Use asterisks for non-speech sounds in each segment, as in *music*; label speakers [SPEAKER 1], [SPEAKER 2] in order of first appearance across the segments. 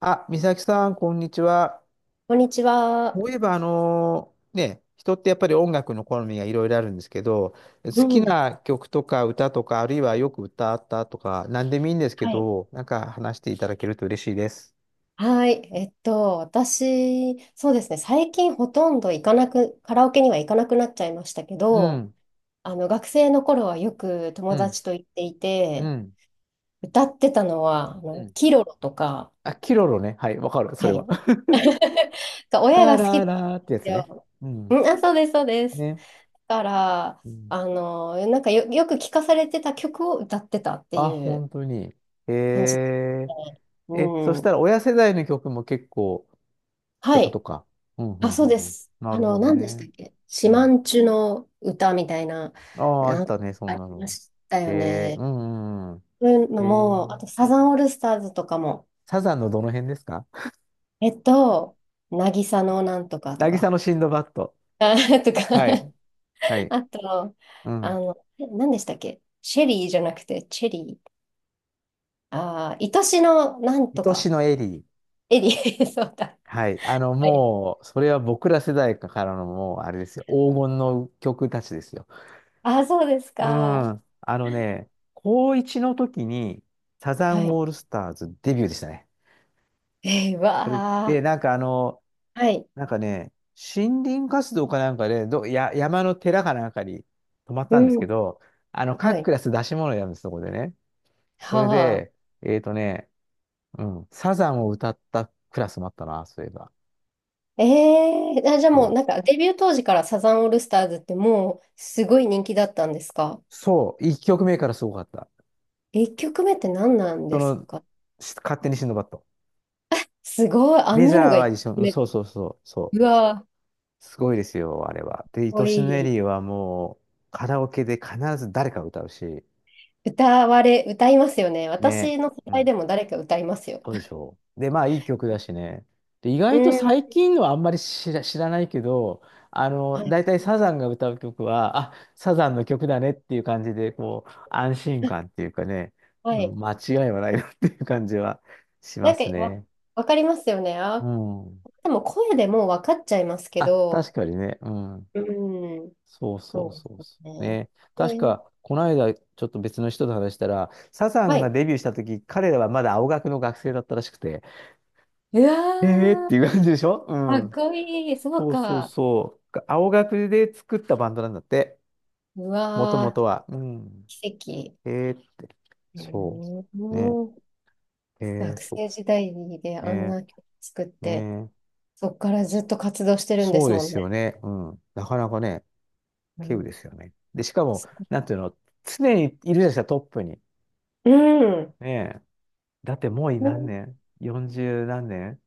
[SPEAKER 1] あ、美咲さん、こんにちは。
[SPEAKER 2] こんにちは。
[SPEAKER 1] そういえば、人ってやっぱり音楽の好みがいろいろあるんですけど、好
[SPEAKER 2] う
[SPEAKER 1] き
[SPEAKER 2] ん。
[SPEAKER 1] な曲とか歌とか、あるいはよく歌ったとか、何でもいいんですけ
[SPEAKER 2] はい。
[SPEAKER 1] ど、なんか話していただけると嬉しいです。
[SPEAKER 2] はい。私、そうですね、最近ほとんど行かなく、カラオケには行かなくなっちゃいましたけ
[SPEAKER 1] う
[SPEAKER 2] ど、
[SPEAKER 1] ん、
[SPEAKER 2] 学生の頃はよく
[SPEAKER 1] う
[SPEAKER 2] 友
[SPEAKER 1] ん、
[SPEAKER 2] 達と行ってい
[SPEAKER 1] う
[SPEAKER 2] て、
[SPEAKER 1] ん、
[SPEAKER 2] 歌ってたのは、
[SPEAKER 1] うん。
[SPEAKER 2] キロロとか、
[SPEAKER 1] あ、キロロね。はい、わかる、そ
[SPEAKER 2] は
[SPEAKER 1] れは。
[SPEAKER 2] い。
[SPEAKER 1] *laughs*
[SPEAKER 2] が親
[SPEAKER 1] ラ
[SPEAKER 2] が好きな
[SPEAKER 1] ラ
[SPEAKER 2] んで
[SPEAKER 1] ラーってや
[SPEAKER 2] す
[SPEAKER 1] つね。
[SPEAKER 2] よ。
[SPEAKER 1] うん。
[SPEAKER 2] うん、あ、そうです、そうです。
[SPEAKER 1] ね。
[SPEAKER 2] だから、
[SPEAKER 1] うん、
[SPEAKER 2] よく聞かされてた曲を歌ってたって
[SPEAKER 1] あ、
[SPEAKER 2] いう
[SPEAKER 1] 本当に。へ
[SPEAKER 2] 感じで、
[SPEAKER 1] え。
[SPEAKER 2] う
[SPEAKER 1] え、そし
[SPEAKER 2] ん。
[SPEAKER 1] たら親世代の曲も結構って
[SPEAKER 2] は
[SPEAKER 1] こ
[SPEAKER 2] い。
[SPEAKER 1] とか。うん、う
[SPEAKER 2] あ、
[SPEAKER 1] ん、う
[SPEAKER 2] そう
[SPEAKER 1] ん、
[SPEAKER 2] で
[SPEAKER 1] うん。
[SPEAKER 2] す。
[SPEAKER 1] なるほど
[SPEAKER 2] 何でした
[SPEAKER 1] ね。
[SPEAKER 2] っけ、
[SPEAKER 1] う
[SPEAKER 2] シマ
[SPEAKER 1] ん。
[SPEAKER 2] んチュの歌みたいな、
[SPEAKER 1] ああ、あっ
[SPEAKER 2] なん
[SPEAKER 1] たね、そ
[SPEAKER 2] あ
[SPEAKER 1] ん
[SPEAKER 2] り
[SPEAKER 1] な
[SPEAKER 2] ま
[SPEAKER 1] の。
[SPEAKER 2] したよ
[SPEAKER 1] ええ、う
[SPEAKER 2] ね。
[SPEAKER 1] んうんうん。
[SPEAKER 2] そういうの
[SPEAKER 1] え
[SPEAKER 2] も、あと
[SPEAKER 1] え、
[SPEAKER 2] サザンオールスターズとかも、
[SPEAKER 1] サザンのどの辺ですか？ *laughs*
[SPEAKER 2] えっと、渚のなんとかと
[SPEAKER 1] 渚の
[SPEAKER 2] か、
[SPEAKER 1] シンドバッド。
[SPEAKER 2] あ、と
[SPEAKER 1] は
[SPEAKER 2] か、
[SPEAKER 1] い。はい。
[SPEAKER 2] あと、
[SPEAKER 1] うん。
[SPEAKER 2] 何でしたっけ、シェリーじゃなくて、チェリー。愛しのなんと
[SPEAKER 1] 愛し
[SPEAKER 2] か、
[SPEAKER 1] のエリー。
[SPEAKER 2] エリー、*laughs* そうだ。
[SPEAKER 1] はい。あの、
[SPEAKER 2] はい。
[SPEAKER 1] もう、それは僕ら世代からのもう、あれですよ。黄金の曲たちですよ。
[SPEAKER 2] あ、そうです
[SPEAKER 1] う
[SPEAKER 2] か。
[SPEAKER 1] ん。あのね、高1の時に、サザ
[SPEAKER 2] は
[SPEAKER 1] ン
[SPEAKER 2] い。
[SPEAKER 1] オールスターズデビューでしたね。
[SPEAKER 2] えー、わ
[SPEAKER 1] で、
[SPEAKER 2] あ。
[SPEAKER 1] なんかあの、
[SPEAKER 2] はい。
[SPEAKER 1] なんかね、森林活動かなんかで、山の寺かなんかに泊まっ
[SPEAKER 2] う
[SPEAKER 1] たんですけ
[SPEAKER 2] ん。
[SPEAKER 1] ど、あの、
[SPEAKER 2] は
[SPEAKER 1] 各ク
[SPEAKER 2] い。
[SPEAKER 1] ラス出し物やるんです、そこでね。それ
[SPEAKER 2] は
[SPEAKER 1] で、
[SPEAKER 2] あ。
[SPEAKER 1] えっとね、うん、サザンを歌ったクラスもあったな、そういえば。
[SPEAKER 2] ええーあ、じゃあも
[SPEAKER 1] そ
[SPEAKER 2] う
[SPEAKER 1] う。
[SPEAKER 2] なんかデビュー当時からサザンオールスターズってもうすごい人気だったんですか
[SPEAKER 1] そう、1曲目からすごかった。
[SPEAKER 2] ?1 曲目って何なん
[SPEAKER 1] そ
[SPEAKER 2] です
[SPEAKER 1] の、
[SPEAKER 2] か？
[SPEAKER 1] 勝手にシンドバッド。
[SPEAKER 2] すごい、あん
[SPEAKER 1] メジャ
[SPEAKER 2] なの
[SPEAKER 1] ー
[SPEAKER 2] が
[SPEAKER 1] は
[SPEAKER 2] 1曲
[SPEAKER 1] 一緒、うん
[SPEAKER 2] 目
[SPEAKER 1] そう
[SPEAKER 2] で。
[SPEAKER 1] そうそう、そ
[SPEAKER 2] う
[SPEAKER 1] う。
[SPEAKER 2] わー、かっ
[SPEAKER 1] すごいですよ、あれは。で、い
[SPEAKER 2] こ
[SPEAKER 1] と
[SPEAKER 2] い
[SPEAKER 1] しのエ
[SPEAKER 2] い。
[SPEAKER 1] リーはもう、カラオケで必ず誰かが歌うし、
[SPEAKER 2] 歌われ、歌いますよね。
[SPEAKER 1] ね。
[SPEAKER 2] 私の世
[SPEAKER 1] う
[SPEAKER 2] 代
[SPEAKER 1] ん、
[SPEAKER 2] でも誰か歌いますよ。
[SPEAKER 1] そうでしょう。で、まあ、いい曲だしね。で、意
[SPEAKER 2] う
[SPEAKER 1] 外と
[SPEAKER 2] ん。
[SPEAKER 1] 最近のはあんまり知らないけど、あの、
[SPEAKER 2] は
[SPEAKER 1] 大
[SPEAKER 2] い。
[SPEAKER 1] 体サザンが歌う曲は、あ、サザンの曲だねっていう感じで、こう、安心感っ
[SPEAKER 2] *laughs*
[SPEAKER 1] ていうかね、
[SPEAKER 2] は
[SPEAKER 1] うん、
[SPEAKER 2] い。
[SPEAKER 1] 間違いはないなっていう感じはしま
[SPEAKER 2] なんか
[SPEAKER 1] す
[SPEAKER 2] わ、
[SPEAKER 1] ね。
[SPEAKER 2] わかりますよね。
[SPEAKER 1] う
[SPEAKER 2] あ、
[SPEAKER 1] ん。
[SPEAKER 2] でも声でもうわかっちゃいますけ
[SPEAKER 1] あ、
[SPEAKER 2] ど。
[SPEAKER 1] 確かにね。うん。
[SPEAKER 2] うん。
[SPEAKER 1] そうそう
[SPEAKER 2] そ
[SPEAKER 1] そう
[SPEAKER 2] うで
[SPEAKER 1] そ
[SPEAKER 2] す
[SPEAKER 1] う。
[SPEAKER 2] ね。
[SPEAKER 1] ね。
[SPEAKER 2] う
[SPEAKER 1] 確
[SPEAKER 2] ん、
[SPEAKER 1] か、この間、ちょっと別の人と話したら、サザ
[SPEAKER 2] は
[SPEAKER 1] ンが
[SPEAKER 2] い。
[SPEAKER 1] デビューした時、彼らはまだ青学の学生だったらしくて、
[SPEAKER 2] う
[SPEAKER 1] えーっ
[SPEAKER 2] わー、
[SPEAKER 1] ていう感じでしょう
[SPEAKER 2] かっ
[SPEAKER 1] ん。
[SPEAKER 2] こいい。そう
[SPEAKER 1] そうそう
[SPEAKER 2] か。
[SPEAKER 1] そう。青学で作ったバンドなんだって。
[SPEAKER 2] う
[SPEAKER 1] もとも
[SPEAKER 2] わ
[SPEAKER 1] とは。うん。
[SPEAKER 2] ー、奇跡。
[SPEAKER 1] えー、
[SPEAKER 2] う
[SPEAKER 1] そう。ね。
[SPEAKER 2] ーん、
[SPEAKER 1] えー、
[SPEAKER 2] 学
[SPEAKER 1] そ
[SPEAKER 2] 生時代で
[SPEAKER 1] う。
[SPEAKER 2] あん
[SPEAKER 1] ね。
[SPEAKER 2] な曲作って、
[SPEAKER 1] ね。
[SPEAKER 2] そこからずっと活動してるんで
[SPEAKER 1] そ
[SPEAKER 2] す
[SPEAKER 1] うで
[SPEAKER 2] もん
[SPEAKER 1] すよ
[SPEAKER 2] ね。
[SPEAKER 1] ね。うん。なかなかね、
[SPEAKER 2] う
[SPEAKER 1] 稀有
[SPEAKER 2] ん
[SPEAKER 1] ですよね。で、しかも、なんていうの、常にいるじゃないですか、トップに。
[SPEAKER 2] うん。
[SPEAKER 1] ねえ。だってもう
[SPEAKER 2] う
[SPEAKER 1] 何
[SPEAKER 2] ん
[SPEAKER 1] 年？ 40 何年、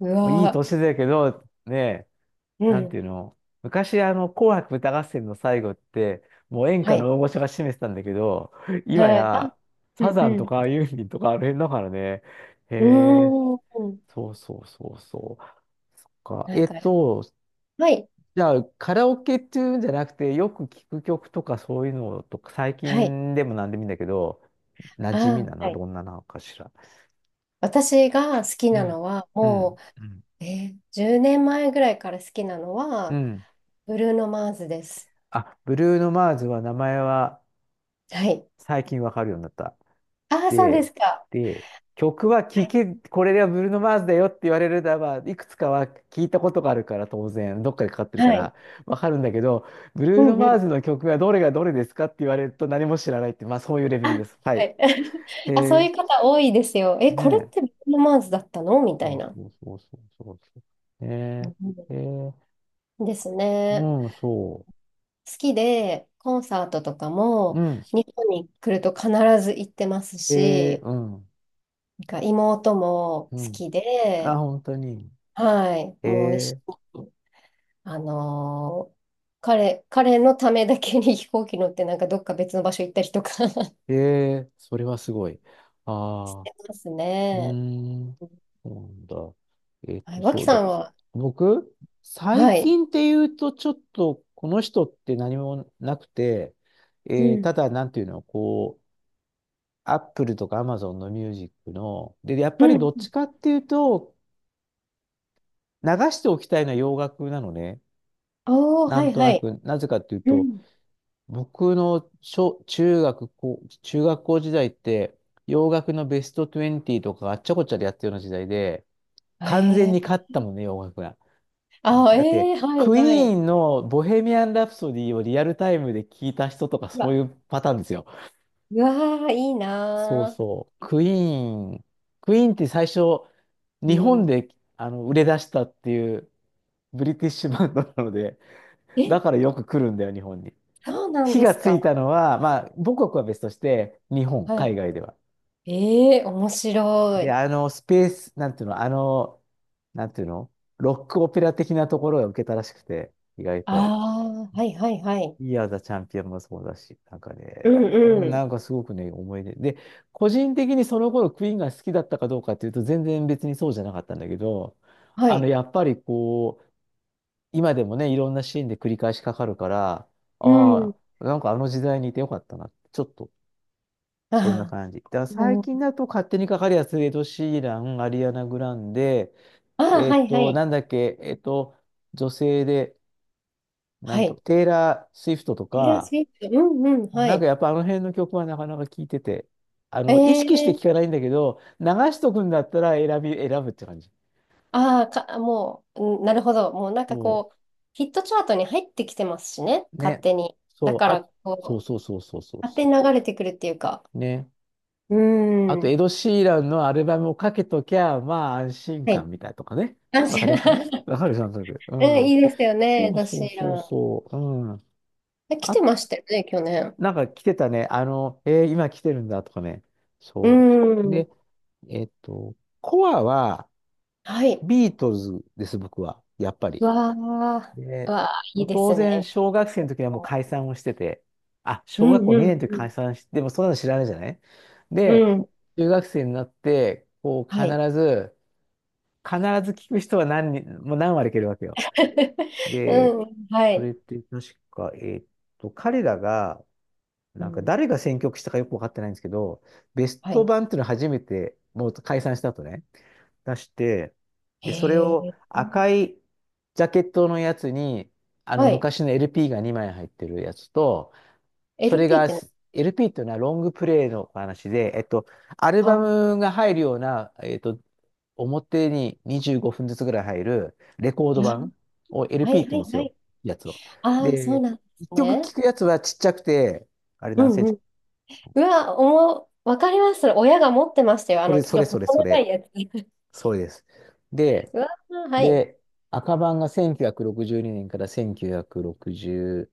[SPEAKER 2] う
[SPEAKER 1] もういい
[SPEAKER 2] わ
[SPEAKER 1] 年だけど、ねえ、
[SPEAKER 2] ー。う
[SPEAKER 1] なん
[SPEAKER 2] ん。
[SPEAKER 1] ていうの、昔、あの、紅白歌合戦の最後って、もう演
[SPEAKER 2] は
[SPEAKER 1] 歌
[SPEAKER 2] い。
[SPEAKER 1] の大御所が占めてたんだけど、今
[SPEAKER 2] はい。あ、
[SPEAKER 1] や、
[SPEAKER 2] う
[SPEAKER 1] サ
[SPEAKER 2] ん
[SPEAKER 1] ザンと
[SPEAKER 2] う
[SPEAKER 1] かユーミンとかあの辺だからね。へえ、
[SPEAKER 2] ん。うーん。
[SPEAKER 1] そうそうそうそう。か、
[SPEAKER 2] なんか、はい。
[SPEAKER 1] じゃあ、カラオケっていうんじゃなくて、よく聞く曲とかそういうのとか、最
[SPEAKER 2] はい。
[SPEAKER 1] 近でも何でもいいんだけど、馴染み
[SPEAKER 2] あ
[SPEAKER 1] なの
[SPEAKER 2] ー、
[SPEAKER 1] は
[SPEAKER 2] はい。
[SPEAKER 1] どんななのかしら。
[SPEAKER 2] 私が好き
[SPEAKER 1] う
[SPEAKER 2] な
[SPEAKER 1] ん。
[SPEAKER 2] のは、
[SPEAKER 1] う
[SPEAKER 2] も
[SPEAKER 1] ん。うん。
[SPEAKER 2] う、10年前ぐらいから好きなの
[SPEAKER 1] う
[SPEAKER 2] は、
[SPEAKER 1] ん。
[SPEAKER 2] ブルーノ・マーズです。
[SPEAKER 1] あ、ブルーノ・マーズは名前は
[SPEAKER 2] はい。
[SPEAKER 1] 最近わかるようになった。
[SPEAKER 2] ああ、そうで
[SPEAKER 1] で、
[SPEAKER 2] すか。
[SPEAKER 1] で、曲は
[SPEAKER 2] はい。
[SPEAKER 1] これがブルーノ・マーズだよって言われるならば、いくつかは聞いたことがあるから、当然、どっかでかかってるか
[SPEAKER 2] はい。
[SPEAKER 1] ら、わかるんだけど、ブ
[SPEAKER 2] う
[SPEAKER 1] ルーノ・
[SPEAKER 2] んう
[SPEAKER 1] マー
[SPEAKER 2] ん。
[SPEAKER 1] ズの曲がどれがどれですかって言われると何も知らないって、まあそういうレベ
[SPEAKER 2] あ、
[SPEAKER 1] ルです。はい。
[SPEAKER 2] は
[SPEAKER 1] へ
[SPEAKER 2] い。*laughs* あ、そうい
[SPEAKER 1] え、
[SPEAKER 2] う方多いですよ。え、これ
[SPEAKER 1] ね
[SPEAKER 2] って
[SPEAKER 1] え。
[SPEAKER 2] ビートマンズだったのみた
[SPEAKER 1] そ
[SPEAKER 2] い
[SPEAKER 1] う
[SPEAKER 2] な。
[SPEAKER 1] そうそうそうそうそう。ね
[SPEAKER 2] う
[SPEAKER 1] え、へえ、
[SPEAKER 2] んですね。
[SPEAKER 1] うん、そ
[SPEAKER 2] 好きで、コンサートとか
[SPEAKER 1] う。う
[SPEAKER 2] も
[SPEAKER 1] ん。
[SPEAKER 2] 日本に来ると必ず行ってます
[SPEAKER 1] へえ、
[SPEAKER 2] し、
[SPEAKER 1] うん、
[SPEAKER 2] なんか妹も
[SPEAKER 1] う
[SPEAKER 2] 好
[SPEAKER 1] ん。
[SPEAKER 2] き
[SPEAKER 1] あ、
[SPEAKER 2] で、
[SPEAKER 1] 本当に。
[SPEAKER 2] はい、
[SPEAKER 1] へ
[SPEAKER 2] もう一
[SPEAKER 1] え、
[SPEAKER 2] 緒に、あのー彼のためだけに飛行機乗ってなんかどっか別の場所行ったりとか *laughs*
[SPEAKER 1] へえ、それはすごい。
[SPEAKER 2] し
[SPEAKER 1] ああ。
[SPEAKER 2] てます
[SPEAKER 1] うー
[SPEAKER 2] ね。
[SPEAKER 1] ん。そうなんだ。
[SPEAKER 2] はい、脇
[SPEAKER 1] そう
[SPEAKER 2] さ
[SPEAKER 1] だ。
[SPEAKER 2] んは、
[SPEAKER 1] 僕、
[SPEAKER 2] は
[SPEAKER 1] 最
[SPEAKER 2] い。
[SPEAKER 1] 近っていうと、ちょっと、この人って何もなくて、
[SPEAKER 2] う
[SPEAKER 1] た
[SPEAKER 2] ん。
[SPEAKER 1] だ、なんていうの、こう、アップルとかアマゾンのミュージックの、で、やっ
[SPEAKER 2] う
[SPEAKER 1] ぱり
[SPEAKER 2] ん
[SPEAKER 1] どっちかっていうと、流しておきたいのは洋楽なのね。
[SPEAKER 2] おー、
[SPEAKER 1] な
[SPEAKER 2] は
[SPEAKER 1] ん
[SPEAKER 2] い
[SPEAKER 1] と
[SPEAKER 2] は
[SPEAKER 1] な
[SPEAKER 2] い。
[SPEAKER 1] く、なぜかっていう
[SPEAKER 2] う
[SPEAKER 1] と、
[SPEAKER 2] ん。
[SPEAKER 1] 僕の中学校、中学校時代って、洋楽のベスト20とかあっちゃこっちゃでやってるような時代で、完全
[SPEAKER 2] えー、
[SPEAKER 1] に勝ったもんね、洋楽が。
[SPEAKER 2] あ、
[SPEAKER 1] だって、
[SPEAKER 2] えー、はい
[SPEAKER 1] クイ
[SPEAKER 2] は
[SPEAKER 1] ー
[SPEAKER 2] い。
[SPEAKER 1] ンのボヘミアン・ラプソディをリアルタイムで聞いた人とか
[SPEAKER 2] う
[SPEAKER 1] そうい
[SPEAKER 2] わ、
[SPEAKER 1] うパターンですよ。
[SPEAKER 2] うわー、いい
[SPEAKER 1] そう
[SPEAKER 2] な
[SPEAKER 1] そう。クイーンって最初、
[SPEAKER 2] ー。う
[SPEAKER 1] 日本
[SPEAKER 2] ん。
[SPEAKER 1] であの売れ出したっていうブリティッシュバンドなので、
[SPEAKER 2] え、
[SPEAKER 1] だからよく来るんだよ、日本に。
[SPEAKER 2] そうなん
[SPEAKER 1] 火
[SPEAKER 2] で
[SPEAKER 1] が
[SPEAKER 2] す
[SPEAKER 1] つい
[SPEAKER 2] か。
[SPEAKER 1] たのは、まあ、母国は別として、日本、
[SPEAKER 2] は
[SPEAKER 1] 海外では。
[SPEAKER 2] い。えー、面白
[SPEAKER 1] で、
[SPEAKER 2] い。
[SPEAKER 1] あの、スペース、なんていうの、あの、なんていうの、ロックオペラ的なところが受けたらしくて、意外
[SPEAKER 2] あ
[SPEAKER 1] と。
[SPEAKER 2] あ、はいはいはい。
[SPEAKER 1] イヤーザチャンピオンもそうだし、なんか
[SPEAKER 2] う
[SPEAKER 1] ね、
[SPEAKER 2] ん
[SPEAKER 1] うん、
[SPEAKER 2] う
[SPEAKER 1] な
[SPEAKER 2] ん。
[SPEAKER 1] んかすごくね、思い出。で、個人的にその頃クイーンが好きだったかどうかっていうと、全然別にそうじゃなかったんだけど、
[SPEAKER 2] は
[SPEAKER 1] あの、
[SPEAKER 2] い。
[SPEAKER 1] やっぱりこう、今でもね、いろんなシーンで繰り返しかかるから、
[SPEAKER 2] う
[SPEAKER 1] あ
[SPEAKER 2] ん。
[SPEAKER 1] あ、なんかあの時代にいてよかったな。ちょっと、そんな
[SPEAKER 2] あ
[SPEAKER 1] 感じ。だから
[SPEAKER 2] ー、
[SPEAKER 1] 最
[SPEAKER 2] う
[SPEAKER 1] 近
[SPEAKER 2] ん、
[SPEAKER 1] だと勝手にかかるやつ、エド・シーラン、アリアナ・グランデ、
[SPEAKER 2] あー、
[SPEAKER 1] え
[SPEAKER 2] は
[SPEAKER 1] っ
[SPEAKER 2] いは
[SPEAKER 1] と、
[SPEAKER 2] い。
[SPEAKER 1] なんだっけ、えっと、女性で、な
[SPEAKER 2] は
[SPEAKER 1] んと、
[SPEAKER 2] い。
[SPEAKER 1] テイラー・スウィフトと
[SPEAKER 2] テイラー・ス
[SPEAKER 1] か、
[SPEAKER 2] ウィフト。うんうん、は
[SPEAKER 1] なんか
[SPEAKER 2] い。
[SPEAKER 1] やっぱあの辺の曲はなかなか聴いてて、あ
[SPEAKER 2] え
[SPEAKER 1] の、意識して
[SPEAKER 2] ー、
[SPEAKER 1] 聴かないんだけど、流しとくんだったら選ぶって感じ。
[SPEAKER 2] ああ、か、もう、うん、なるほど。もうなんか
[SPEAKER 1] そ
[SPEAKER 2] こう、ヒットチャートに入ってきてますしね、
[SPEAKER 1] う。
[SPEAKER 2] 勝
[SPEAKER 1] ね。
[SPEAKER 2] 手に。だ
[SPEAKER 1] そう。
[SPEAKER 2] から、
[SPEAKER 1] あ、そう
[SPEAKER 2] こう、
[SPEAKER 1] そうそうそうそう
[SPEAKER 2] 勝手
[SPEAKER 1] そ
[SPEAKER 2] に流れてくるっていうか。
[SPEAKER 1] う。ね。
[SPEAKER 2] う
[SPEAKER 1] あと、
[SPEAKER 2] ー
[SPEAKER 1] エ
[SPEAKER 2] ん。
[SPEAKER 1] ド・シーランのアルバムをかけときゃ、まあ安心
[SPEAKER 2] はい。
[SPEAKER 1] 感みたいなとかね。
[SPEAKER 2] 安
[SPEAKER 1] わ
[SPEAKER 2] 心
[SPEAKER 1] かりやすいのね。
[SPEAKER 2] *laughs*
[SPEAKER 1] わかる、なんとなく。う
[SPEAKER 2] うん、
[SPEAKER 1] ん。
[SPEAKER 2] いいですよ
[SPEAKER 1] そ
[SPEAKER 2] ね、
[SPEAKER 1] う
[SPEAKER 2] ド
[SPEAKER 1] そ
[SPEAKER 2] シ
[SPEAKER 1] う
[SPEAKER 2] ー
[SPEAKER 1] そう
[SPEAKER 2] ラン。
[SPEAKER 1] そう。うん。
[SPEAKER 2] え、来てましたよね、去年。
[SPEAKER 1] なんか来てたね。あの、えー今来てるんだとかね。
[SPEAKER 2] うー
[SPEAKER 1] そう。で、
[SPEAKER 2] ん。
[SPEAKER 1] えっと、コアは、
[SPEAKER 2] はい。
[SPEAKER 1] ビートルズです、僕は。やっぱ
[SPEAKER 2] う
[SPEAKER 1] り。
[SPEAKER 2] わあ、う
[SPEAKER 1] で、
[SPEAKER 2] わあ、い
[SPEAKER 1] も
[SPEAKER 2] い
[SPEAKER 1] う
[SPEAKER 2] で
[SPEAKER 1] 当
[SPEAKER 2] す
[SPEAKER 1] 然、
[SPEAKER 2] ね。
[SPEAKER 1] 小学生の時にはもう解散をしてて、あ、
[SPEAKER 2] う
[SPEAKER 1] 小学
[SPEAKER 2] ん
[SPEAKER 1] 校
[SPEAKER 2] う
[SPEAKER 1] 2
[SPEAKER 2] ん
[SPEAKER 1] 年の時
[SPEAKER 2] うん。
[SPEAKER 1] 解散して、でもそんなの知らないじゃない。
[SPEAKER 2] う
[SPEAKER 1] で、
[SPEAKER 2] ん。
[SPEAKER 1] 中学生になって、こう、
[SPEAKER 2] はい。
[SPEAKER 1] 必ず聞く人は何人、もう何割いけるわけよ。
[SPEAKER 2] *laughs*
[SPEAKER 1] で、
[SPEAKER 2] うん、は
[SPEAKER 1] それ
[SPEAKER 2] い。
[SPEAKER 1] って確か、彼らが、
[SPEAKER 2] う
[SPEAKER 1] なんか
[SPEAKER 2] ん、
[SPEAKER 1] 誰が選曲したかよくわかってないんですけど、ベス
[SPEAKER 2] は
[SPEAKER 1] ト
[SPEAKER 2] い。
[SPEAKER 1] 版っていうのを初めて、もう解散した後ね、出して、
[SPEAKER 2] へ
[SPEAKER 1] で、それを
[SPEAKER 2] え。
[SPEAKER 1] 赤いジャケットのやつに、あの
[SPEAKER 2] はい。
[SPEAKER 1] 昔の LP が2枚入ってるやつと、それ
[SPEAKER 2] LP っ
[SPEAKER 1] が
[SPEAKER 2] てね、
[SPEAKER 1] LP っていうのはロングプレイの話で、アル
[SPEAKER 2] あ、
[SPEAKER 1] バ
[SPEAKER 2] あ、
[SPEAKER 1] ムが入るような、表に25分ずつぐらい入るレコード版を
[SPEAKER 2] はい
[SPEAKER 1] LP っ
[SPEAKER 2] は
[SPEAKER 1] て言うんで
[SPEAKER 2] い
[SPEAKER 1] す
[SPEAKER 2] は
[SPEAKER 1] よ、
[SPEAKER 2] い。
[SPEAKER 1] やつを。
[SPEAKER 2] ああ、そう
[SPEAKER 1] で、
[SPEAKER 2] なんで
[SPEAKER 1] 一
[SPEAKER 2] す
[SPEAKER 1] 曲
[SPEAKER 2] ね。
[SPEAKER 1] 聴くやつはちっちゃくて、あれ
[SPEAKER 2] う
[SPEAKER 1] 何セン
[SPEAKER 2] ん、
[SPEAKER 1] チ、
[SPEAKER 2] うわ、おも、わかります。それ親が持ってましたよ。
[SPEAKER 1] それ、
[SPEAKER 2] ち
[SPEAKER 1] そ
[SPEAKER 2] ょ
[SPEAKER 1] れ、
[SPEAKER 2] っと
[SPEAKER 1] それ、
[SPEAKER 2] 細
[SPEAKER 1] そ
[SPEAKER 2] 長い
[SPEAKER 1] れ、
[SPEAKER 2] やつ。*laughs*
[SPEAKER 1] それです。で、
[SPEAKER 2] うわ、はい。
[SPEAKER 1] で、赤版が1962年から1966、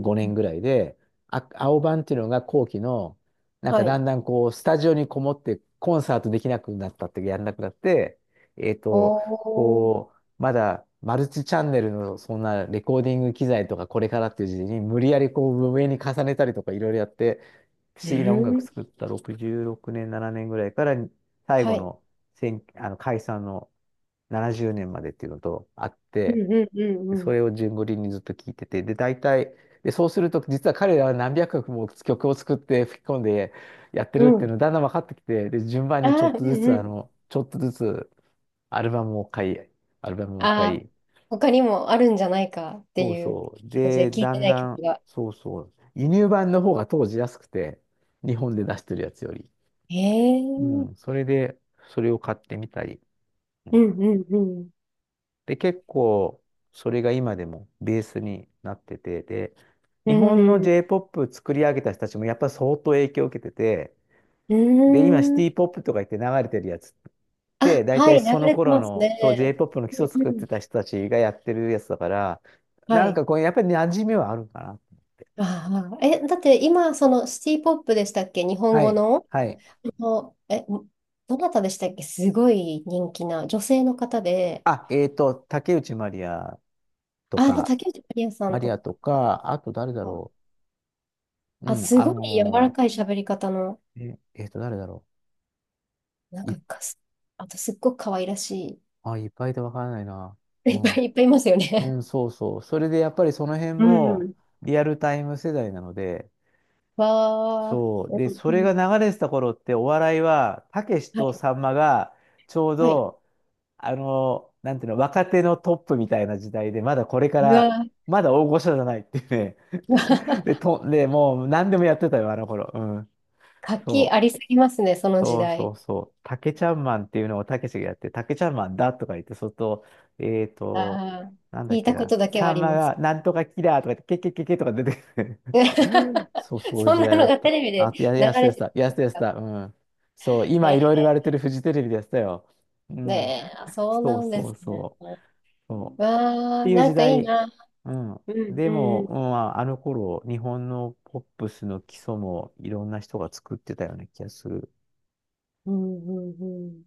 [SPEAKER 1] 5年ぐらいで、あ、青版っていうのが後期の、なんか
[SPEAKER 2] は
[SPEAKER 1] だ
[SPEAKER 2] い。
[SPEAKER 1] んだんこう、スタジオにこもってコンサートできなくなったって、やんなくなって、えっと、
[SPEAKER 2] おー。
[SPEAKER 1] こう、まだマルチチャンネルのそんなレコーディング機材とかこれからっていう時期に無理やりこう上に重ねたりとかいろいろやって、不
[SPEAKER 2] う
[SPEAKER 1] 思議な音楽
[SPEAKER 2] ん。
[SPEAKER 1] 作った66年、7年ぐらいから最
[SPEAKER 2] は
[SPEAKER 1] 後
[SPEAKER 2] い。
[SPEAKER 1] の、あの解散の、70年までっていうのとあっ
[SPEAKER 2] う
[SPEAKER 1] て、
[SPEAKER 2] んうんう
[SPEAKER 1] そ
[SPEAKER 2] ん
[SPEAKER 1] れを順繰りにずっと聞いてて、で、大体、で、そうすると、実は彼らは何百曲も曲を作って吹き込んでやってる
[SPEAKER 2] う
[SPEAKER 1] っ
[SPEAKER 2] ん。う
[SPEAKER 1] ていう
[SPEAKER 2] ん。
[SPEAKER 1] のだんだん分かってきて、で、順番
[SPEAKER 2] あ
[SPEAKER 1] にちょ
[SPEAKER 2] あ、う
[SPEAKER 1] っと
[SPEAKER 2] ん
[SPEAKER 1] ずつ、
[SPEAKER 2] う
[SPEAKER 1] あ
[SPEAKER 2] ん。
[SPEAKER 1] の、ちょっとずつアルバムを買い、アルバムを
[SPEAKER 2] あ
[SPEAKER 1] 買
[SPEAKER 2] あ、
[SPEAKER 1] い、
[SPEAKER 2] 他にもあるんじゃないかって
[SPEAKER 1] そう
[SPEAKER 2] いう
[SPEAKER 1] そう。
[SPEAKER 2] 感じ
[SPEAKER 1] で、
[SPEAKER 2] で聞い
[SPEAKER 1] だ
[SPEAKER 2] て
[SPEAKER 1] ん
[SPEAKER 2] ない
[SPEAKER 1] だん、
[SPEAKER 2] 曲が。
[SPEAKER 1] そうそう。輸入版の方が当時安くて、日本で出してるやつより。
[SPEAKER 2] へえ。う
[SPEAKER 1] う
[SPEAKER 2] ん
[SPEAKER 1] ん、それで、それを買ってみたり。う
[SPEAKER 2] う
[SPEAKER 1] ん、
[SPEAKER 2] んうん。
[SPEAKER 1] で、結構、それが今でもベースになってて、で、
[SPEAKER 2] う
[SPEAKER 1] 日本の
[SPEAKER 2] ん。
[SPEAKER 1] J-POP 作り上げた人たちもやっぱり相当影響を受けてて、
[SPEAKER 2] う
[SPEAKER 1] で、今シ
[SPEAKER 2] ん。
[SPEAKER 1] ティポップとか言って流れてるやつっ
[SPEAKER 2] あ、
[SPEAKER 1] て、大
[SPEAKER 2] は
[SPEAKER 1] 体
[SPEAKER 2] い、流
[SPEAKER 1] その
[SPEAKER 2] れて
[SPEAKER 1] 頃
[SPEAKER 2] ます
[SPEAKER 1] の、そう
[SPEAKER 2] ね。
[SPEAKER 1] J-POP の基
[SPEAKER 2] う
[SPEAKER 1] 礎
[SPEAKER 2] ん
[SPEAKER 1] 作っ
[SPEAKER 2] う
[SPEAKER 1] て
[SPEAKER 2] ん。
[SPEAKER 1] た人たちがやってるやつだから、
[SPEAKER 2] は
[SPEAKER 1] なん
[SPEAKER 2] い。
[SPEAKER 1] かこう、やっぱり馴染みはあるかな。
[SPEAKER 2] ああ、え、だって今、そのシティポップでしたっけ、日本
[SPEAKER 1] は
[SPEAKER 2] 語
[SPEAKER 1] い、
[SPEAKER 2] の
[SPEAKER 1] はい。
[SPEAKER 2] の、え、どなたでしたっけ、すごい人気な女性の方で、
[SPEAKER 1] あ、竹内まりやと
[SPEAKER 2] あ、まあ、
[SPEAKER 1] か、
[SPEAKER 2] 竹内まりやさんと
[SPEAKER 1] あと誰だ
[SPEAKER 2] か、
[SPEAKER 1] ろう。
[SPEAKER 2] あ、
[SPEAKER 1] うん、
[SPEAKER 2] すごい柔らかい喋り方の、
[SPEAKER 1] え、誰だろ
[SPEAKER 2] なん
[SPEAKER 1] う。
[SPEAKER 2] かかす、あとすっごく可愛らし
[SPEAKER 1] あ、いっぱいいてわからないな。う
[SPEAKER 2] い、*laughs* いっぱ
[SPEAKER 1] ん。
[SPEAKER 2] い、いっぱいいますよね。
[SPEAKER 1] うん、そうそう。それでやっぱりその辺
[SPEAKER 2] う
[SPEAKER 1] も
[SPEAKER 2] ん。
[SPEAKER 1] リアルタイム世代なので、
[SPEAKER 2] わ
[SPEAKER 1] そう。
[SPEAKER 2] ー、
[SPEAKER 1] で、
[SPEAKER 2] うん
[SPEAKER 1] それ
[SPEAKER 2] うん、
[SPEAKER 1] が流れてた頃ってお笑いは、たけし
[SPEAKER 2] は
[SPEAKER 1] と
[SPEAKER 2] い、
[SPEAKER 1] さんまがちょう
[SPEAKER 2] はい。
[SPEAKER 1] ど、あの、なんていうの、若手のトップみたいな時代で、まだこれか
[SPEAKER 2] うわ
[SPEAKER 1] ら、
[SPEAKER 2] ー、
[SPEAKER 1] まだ大御所じゃないっていうね。
[SPEAKER 2] うわ
[SPEAKER 1] *laughs*
[SPEAKER 2] ー、
[SPEAKER 1] で、もう何でもやってたよ、あの頃。うん。
[SPEAKER 2] 活気
[SPEAKER 1] そ
[SPEAKER 2] あ
[SPEAKER 1] う。
[SPEAKER 2] りすぎますね、その時
[SPEAKER 1] そうそ
[SPEAKER 2] 代。
[SPEAKER 1] うそう。タケちゃんマンっていうのをたけしがやって、タケちゃんマンだとか言って、そっと、えっと、
[SPEAKER 2] ああ、
[SPEAKER 1] なんだ
[SPEAKER 2] 聞
[SPEAKER 1] っ
[SPEAKER 2] い
[SPEAKER 1] け
[SPEAKER 2] たこ
[SPEAKER 1] な、
[SPEAKER 2] とだけは
[SPEAKER 1] さ
[SPEAKER 2] あ
[SPEAKER 1] ん
[SPEAKER 2] り
[SPEAKER 1] ま
[SPEAKER 2] ます。
[SPEAKER 1] がなんとかキラーとか言って、ケケケケとか出てくる。*laughs* そう、
[SPEAKER 2] *laughs*
[SPEAKER 1] そういう
[SPEAKER 2] そん
[SPEAKER 1] 時
[SPEAKER 2] な
[SPEAKER 1] 代だ
[SPEAKER 2] の
[SPEAKER 1] っ
[SPEAKER 2] がテ
[SPEAKER 1] た。
[SPEAKER 2] レビで
[SPEAKER 1] あと、
[SPEAKER 2] 流れて
[SPEAKER 1] や
[SPEAKER 2] るん
[SPEAKER 1] す
[SPEAKER 2] で
[SPEAKER 1] てや
[SPEAKER 2] す
[SPEAKER 1] す
[SPEAKER 2] か？
[SPEAKER 1] た、うん。そう、今いろいろ言われてるフジテレビでやってたよ。う
[SPEAKER 2] ね
[SPEAKER 1] ん。
[SPEAKER 2] え、あ、そう
[SPEAKER 1] そ
[SPEAKER 2] な
[SPEAKER 1] う
[SPEAKER 2] んで
[SPEAKER 1] そ
[SPEAKER 2] す
[SPEAKER 1] う
[SPEAKER 2] ね。
[SPEAKER 1] そう。そう。っ
[SPEAKER 2] わ
[SPEAKER 1] て
[SPEAKER 2] あ、
[SPEAKER 1] いう
[SPEAKER 2] な
[SPEAKER 1] 時
[SPEAKER 2] んかいい
[SPEAKER 1] 代。
[SPEAKER 2] な。
[SPEAKER 1] うん。
[SPEAKER 2] うん
[SPEAKER 1] で
[SPEAKER 2] う
[SPEAKER 1] も、
[SPEAKER 2] ん。
[SPEAKER 1] うん、まああの頃、日本のポップスの基礎もいろんな人が作ってたような気がする。
[SPEAKER 2] うんうんうん。